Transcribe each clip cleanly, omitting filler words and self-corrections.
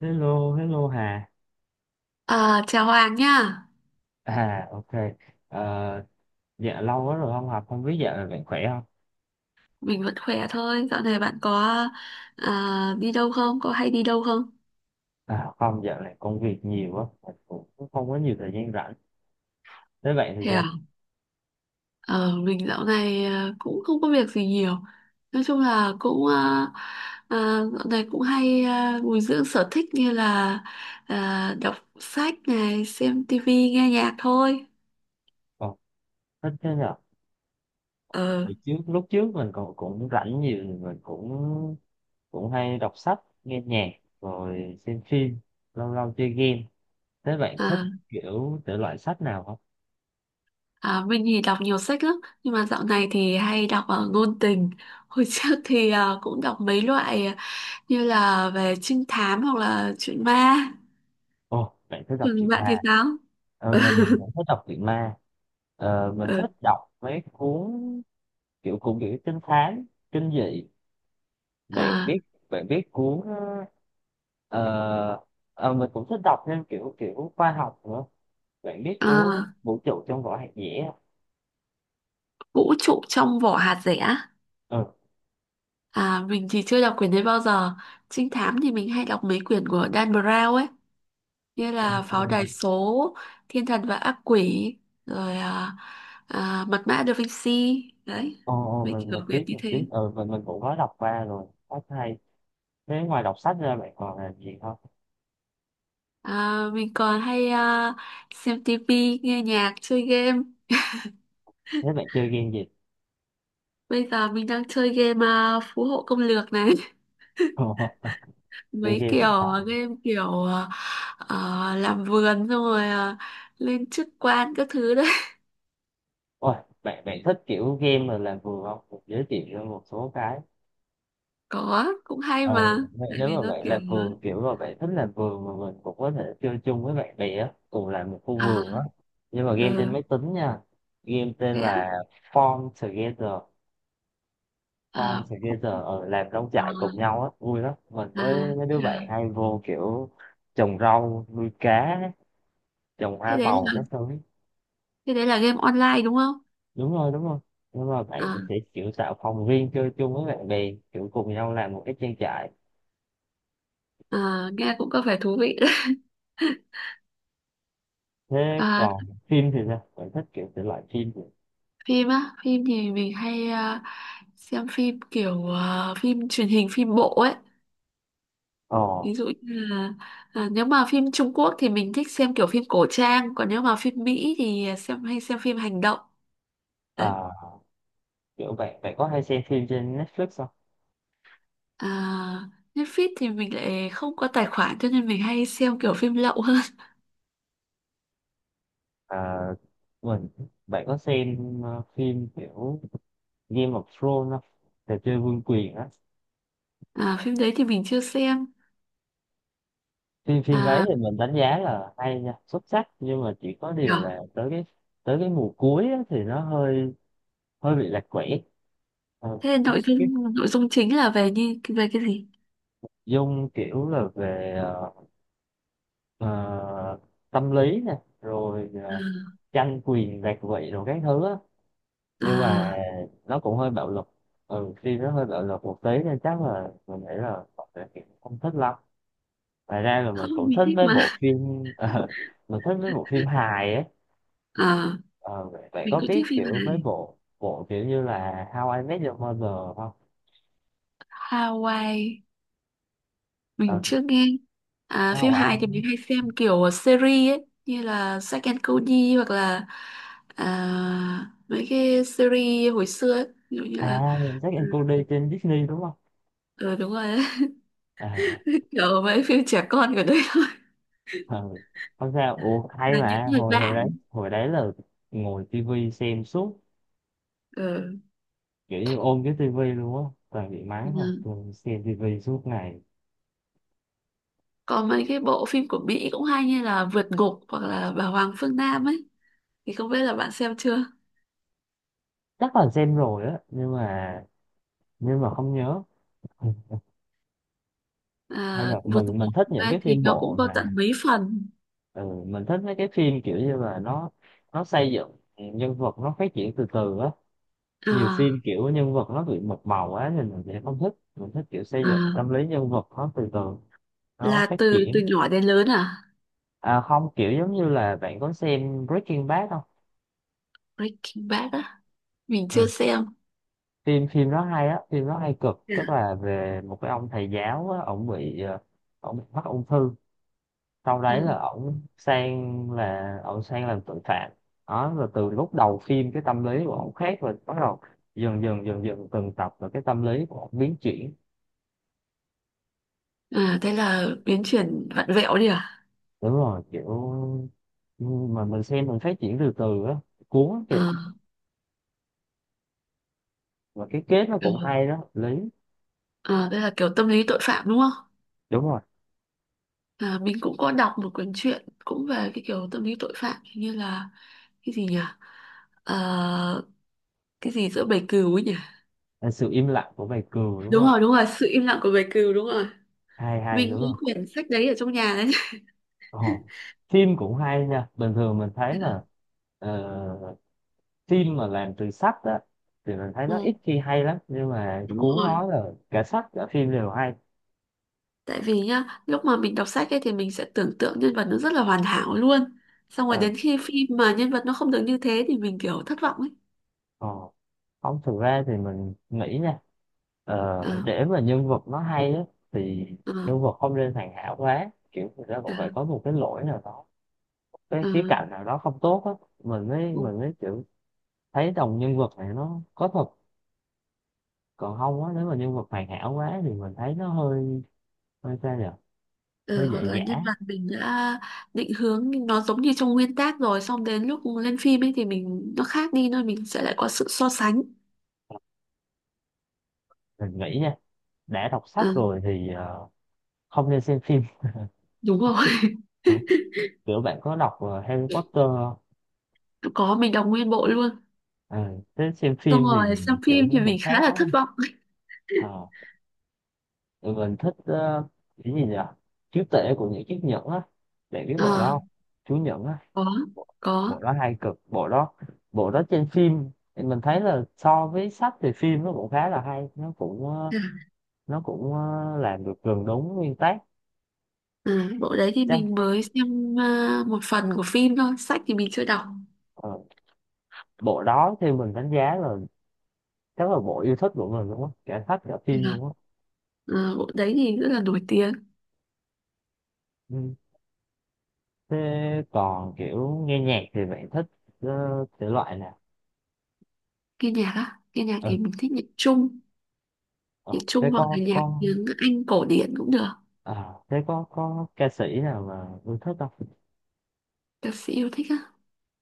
Hello, hello Hà. À, chào Hoàng nha, À, ok. Ờ, dạ lâu quá rồi không học, không biết dạo này bạn khỏe không? mình vẫn khỏe thôi. Dạo này bạn có đi đâu không? Có hay đi đâu không? À, không, dạo này công việc nhiều quá, mình cũng không có nhiều thời gian rảnh. Thế bạn thì Thế à? sao? Ờ, mình dạo này cũng không có việc gì nhiều. Nói chung là cũng dạo này cũng hay bồi dưỡng sở thích như là đọc sách này, xem tivi, nghe nhạc thôi. Còn thích thế nhở? Ờ, Hồi trước, lúc trước mình còn cũng rảnh nhiều, mình cũng cũng hay đọc sách, nghe nhạc, rồi xem phim, lâu lâu chơi game. Thế bạn thích à, kiểu thể loại sách nào không? Mình thì đọc nhiều sách lắm, nhưng mà dạo này thì hay đọc ngôn tình. Hồi trước thì cũng đọc mấy loại, như là về trinh thám hoặc là chuyện ma. Ồ, bạn thích đọc Còn truyện ma. bạn thì sao? Ờ, mình cũng thích đọc truyện ma. Ờ, mình thích Ừ. đọc mấy cuốn kiểu cũng kiểu trinh thám kinh dị bạn à, biết bạn biết cuốn ờ, mình cũng thích đọc thêm kiểu kiểu khoa học nữa, bạn biết cuốn à, vũ trụ trong vỏ hạt dẻ không? vũ trụ trong vỏ hạt dẻ. Ừ. Mình thì chưa đọc quyển đấy bao giờ. Trinh thám thì mình hay đọc mấy quyển của Dan Brown ấy, như là Pháo đài số, Thiên thần và ác quỷ, rồi Mật mã Da Vinci đấy, Ồ, ồ, mấy mình kiểu mình quyển biết như mình biết thế. ừ mình mình cũng có đọc qua rồi, rất hay. Thế ngoài đọc sách ra bạn còn làm gì không? Mình còn hay xem tivi, nghe nhạc, chơi game. Thế bạn chơi game gì? Bây giờ mình đang chơi game phú hộ công lược này. Chơi Mấy game kiểu điện thoại. Game kiểu làm vườn, xong rồi lên chức quan các thứ đấy. Ôi, bạn bạn thích kiểu game mà làm vườn không? Mình giới thiệu cho một số cái. Có cũng hay Ờ, mà, vậy tại nếu vì mà nó bạn kiểu làm vườn kiểu mà bạn thích làm vườn mà mình cũng có thể chơi chung với bạn bè á, cùng làm một khu à, vườn á. Nhưng mà game trên ờ, máy tính nha. Game tên thế á. là Farm Together, Farm à, không- Together ở làm nông à, trại cùng nhau á, vui lắm. Mình à, với mấy đứa bạn à. hay vô kiểu trồng rau, nuôi cá, trồng thế hoa đấy màu là các thứ. thế đấy là game online đúng không? Đúng rồi, đúng rồi. Nhưng mà à, bạn sẽ kiểu tạo phòng riêng chơi chung với bạn bè, kiểu cùng nhau làm một cái trang trại. Nghe cũng có vẻ thú vị đấy. Thế à, còn phim thì sao? Bạn thích kiểu thể loại phim gì? phim á, phim thì mình hay xem phim kiểu phim truyền hình, phim bộ ấy, Ờ. ví dụ như là nếu mà phim Trung Quốc thì mình thích xem kiểu phim cổ trang, còn nếu mà phim Mỹ thì xem hay xem phim hành động đấy. À, kiểu bạn bạn có hay xem phim trên Netflix không? à, Netflix thì mình lại không có tài khoản, cho nên mình hay xem kiểu phim lậu hơn. À, mình bạn có xem phim kiểu Game of Thrones không? Trò chơi vương quyền á. Phim đấy thì mình chưa xem. Phim phim đấy À, thì mình đánh giá là hay nha, xuất sắc, nhưng mà chỉ có điều nhở. là tới cái mùa cuối á, thì nó hơi hơi bị lạc quẻ. Ờ, Thế là nội cái dung chính là về như về cái gì? dung kiểu là về ờ, tâm lý nè, rồi à, tranh quyền đoạt vị rồi các thứ á. Nhưng mà à, nó cũng hơi bạo lực, ừ phim nó hơi bạo lực một tí nên chắc là mình nghĩ là mọi người cũng không thích lắm. Ngoài ra là mình không, cũng mình thích thích mấy mà. bộ phim. ờ, mình thích mấy bộ phim hài ấy. à, Ờ, vậy vậy mình có cũng biết thích phim kiểu mấy hài. bộ bộ kiểu như là How I Met Your Mother không? Hawaii mình Ờ, chưa nghe. Phim How I hài thì mình hay xem kiểu series ấy, như là Zack and Cody hoặc là mấy cái series hồi xưa ấy. Ví dụ như là À, Zack and Cody trên Disney đúng không? ừ, đúng rồi đấy. À Kiểu mấy phim trẻ con của đấy thôi, ừ. Không sao, ủa hay là những mà người hồi bạn. hồi đấy là ngồi tivi xem suốt, Ừ. kiểu như ôm cái tivi luôn á, toàn bị mắng thôi Ừ. tôi xem tivi suốt ngày. Còn mấy cái bộ phim của Mỹ cũng hay, như là Vượt Ngục hoặc là Bà Hoàng Phương Nam ấy, thì không biết là bạn xem chưa. Chắc là xem rồi á nhưng mà không nhớ. Ừ, hay là Vượt mình Ngục mình thích những ấy cái thì phim nó cũng bộ có tận mà mấy phần. ừ, mình thích mấy cái phim kiểu như là nó xây dựng nhân vật, nó phát triển từ từ á. Nhiều phim à, kiểu nhân vật nó bị một màu quá thì mình sẽ không thích, mình thích kiểu xây dựng à, tâm lý nhân vật nó từ từ, nó là phát từ triển. từ nhỏ đến lớn à? À không, kiểu giống như là bạn có xem Breaking Bad không? Breaking Bad á, mình chưa Ừ, xem. phim phim nó hay á, phim nó hay cực, Ừ. tức là về một cái ông thầy giáo á, ổng bị ổng bị mắc ung thư, sau đấy Ừ. Là ổng sang làm tội phạm. Đó rồi từ lúc đầu phim cái tâm lý của ổng khác, rồi bắt đầu dần dần từng tập là cái tâm lý của ổng biến chuyển. À, đây là biến chuyển vặn vẹo đi à? Đúng rồi, kiểu mà mình xem mình phát triển từ từ á, cuốn lắm kìa. À, Và cái kết nó cũng ừ. hay đó lý. À, đây là kiểu tâm lý tội phạm đúng không? Đúng rồi, Mình cũng có đọc một cuốn truyện cũng về cái kiểu tâm lý tội phạm, hình như là cái gì nhỉ? Ờ, cái gì giữa bầy cừu ấy nhỉ? là sự im lặng của bài cừu đúng Đúng không? rồi, đúng rồi, sự im lặng của bầy cừu, đúng rồi. Hay hay Mình có đúng không? quyển sách đấy ở trong nhà đấy. Ồ, phim cũng hay nha. Bình thường mình thấy là ờ, phim mà làm từ sách á thì mình thấy nó Ừ, ít khi hay lắm, nhưng mà đúng cuốn rồi. nói là cả sách cả phim đều hay. Tại vì nhá, lúc mà mình đọc sách ấy thì mình sẽ tưởng tượng nhân vật nó rất là hoàn hảo luôn. Xong rồi Ờ, đến khi phim mà nhân vật nó không được như thế thì mình kiểu thất vọng ấy. Ồ, không thực ra thì mình nghĩ nha, Ờ, để mà nhân vật nó hay á thì ờ, nhân vật không nên hoàn hảo quá, kiểu người ta ờ, cũng phải có một cái lỗi nào đó, cái ờ, khía cạnh nào đó không tốt á, mình mới ừ. mình mới kiểu thấy đồng nhân vật này nó có thật. Còn không á nếu mà nhân vật hoàn hảo quá thì mình thấy nó hơi hơi sao nhỉ, Ờ, hơi hoặc dễ là nhân dã. vật mình đã định hướng nó giống như trong nguyên tác, rồi xong đến lúc lên phim ấy thì mình nó khác đi, nên mình sẽ lại có sự so sánh. Mình nghĩ nha, đã đọc Ờ, sách rồi thì không nên xem phim. đúng rồi. Không, kiểu bạn có đọc Harry Potter không? Có, mình đọc nguyên bộ luôn. Ừ, thế xem Xong phim rồi thì xem kiểu phim nó thì một mình khá khác là đúng thất không? vọng. Ờ, tụi mình thích cái gì nhỉ, chúa tể của những chiếc nhẫn á, bạn biết bộ đó Ờ, không? Chú nhẫn á. có, bộ, Bộ có. đó hay cực, bộ đó, bộ đó trên phim thì mình thấy là so với sách thì phim nó cũng khá là hay, nó cũng Dạ. nó cũng làm được gần đúng nguyên tác. À, bộ đấy thì Chắc mình mới xem một phần của phim thôi, sách thì mình chưa đọc. ờ, bộ đó theo mình đánh giá là chắc là bộ yêu thích của mình luôn á, cả sách cả Thế phim là, luôn á. Bộ đấy thì rất là nổi tiếng. Ừ. Thế còn kiểu nghe nhạc thì bạn thích thể loại nào? Nghe nhạc á, nghe nhạc Ừ. thì mình thích Ờ. nhạc Trung thế hoặc là nhạc có tiếng Anh cổ điển cũng được. À, thế có ca sĩ nào mà yêu thích không? Ca sĩ yêu thích á.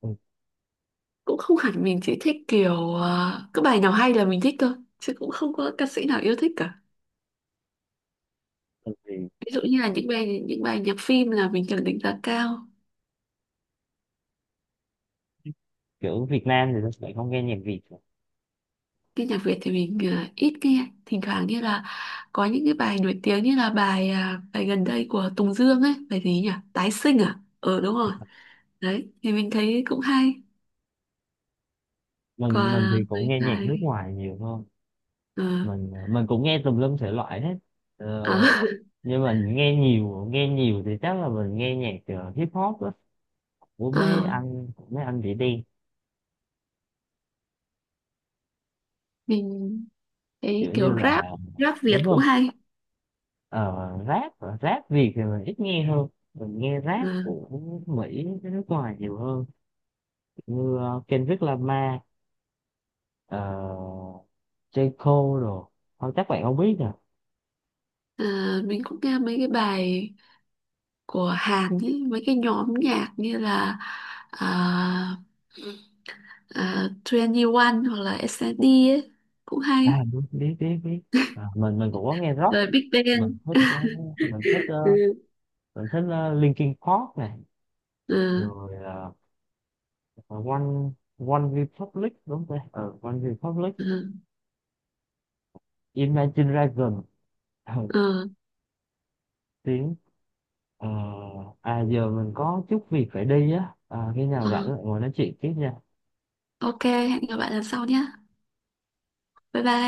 Ừ. Cũng không hẳn, mình chỉ thích kiểu cứ bài nào hay là mình thích thôi, chứ cũng không có ca sĩ nào yêu thích cả. Tại vì Ví dụ mình như là những bài nhạc phim là mình cần đánh giá cao. kiểu Việt Nam thì mình không nghe nhạc Việt rồi. Cái nhạc Việt thì mình ờ, ít nghe, thỉnh thoảng như là có những cái bài nổi tiếng, như là bài bài gần đây của Tùng Dương ấy, bài gì nhỉ? Tái sinh à? Ờ, đúng rồi. Đấy, thì mình thấy cũng hay. mình Còn mình thì cũng mấy nghe nhạc bài nước ngoài nhiều hơn, ờ, mình cũng nghe tùm lum thể loại hết. Ờ, à, nhưng mình nghe nhiều thì chắc là mình nghe nhạc hip hop á, ờ, của mấy anh chị đen, mình thấy kiểu như kiểu rap, là rap Việt đúng cũng không? hay. Ờ, rap Rap Việt thì mình ít nghe hơn, mình nghe rap Ờ, của Mỹ với nước ngoài nhiều hơn, như Kendrick Lamar, uh, J. Cole, rồi không chắc bạn không biết nè. ờ, mình cũng nghe mấy cái bài của Hàn ấy, mấy cái nhóm nhạc như là uh, 21 hoặc là SNSD ấy, cũng À hay. đúng, biết biết biết. À, mình cũng có nghe rock. Rồi Big mình Bang. thích ờ, mình thích ờ, Ừ, mình thích Linkin Park này, ừ, rồi uh, One One Republic đúng không ta? Ờ, One Republic, Imagine Dragon. Ờ, ừ, tiếng Ờ, À giờ mình có chút việc phải đi á, à, khi nào rảnh ừ. lại ngồi nói chuyện tiếp nha. Ok, hẹn gặp lại lần sau nhé. Bye bye.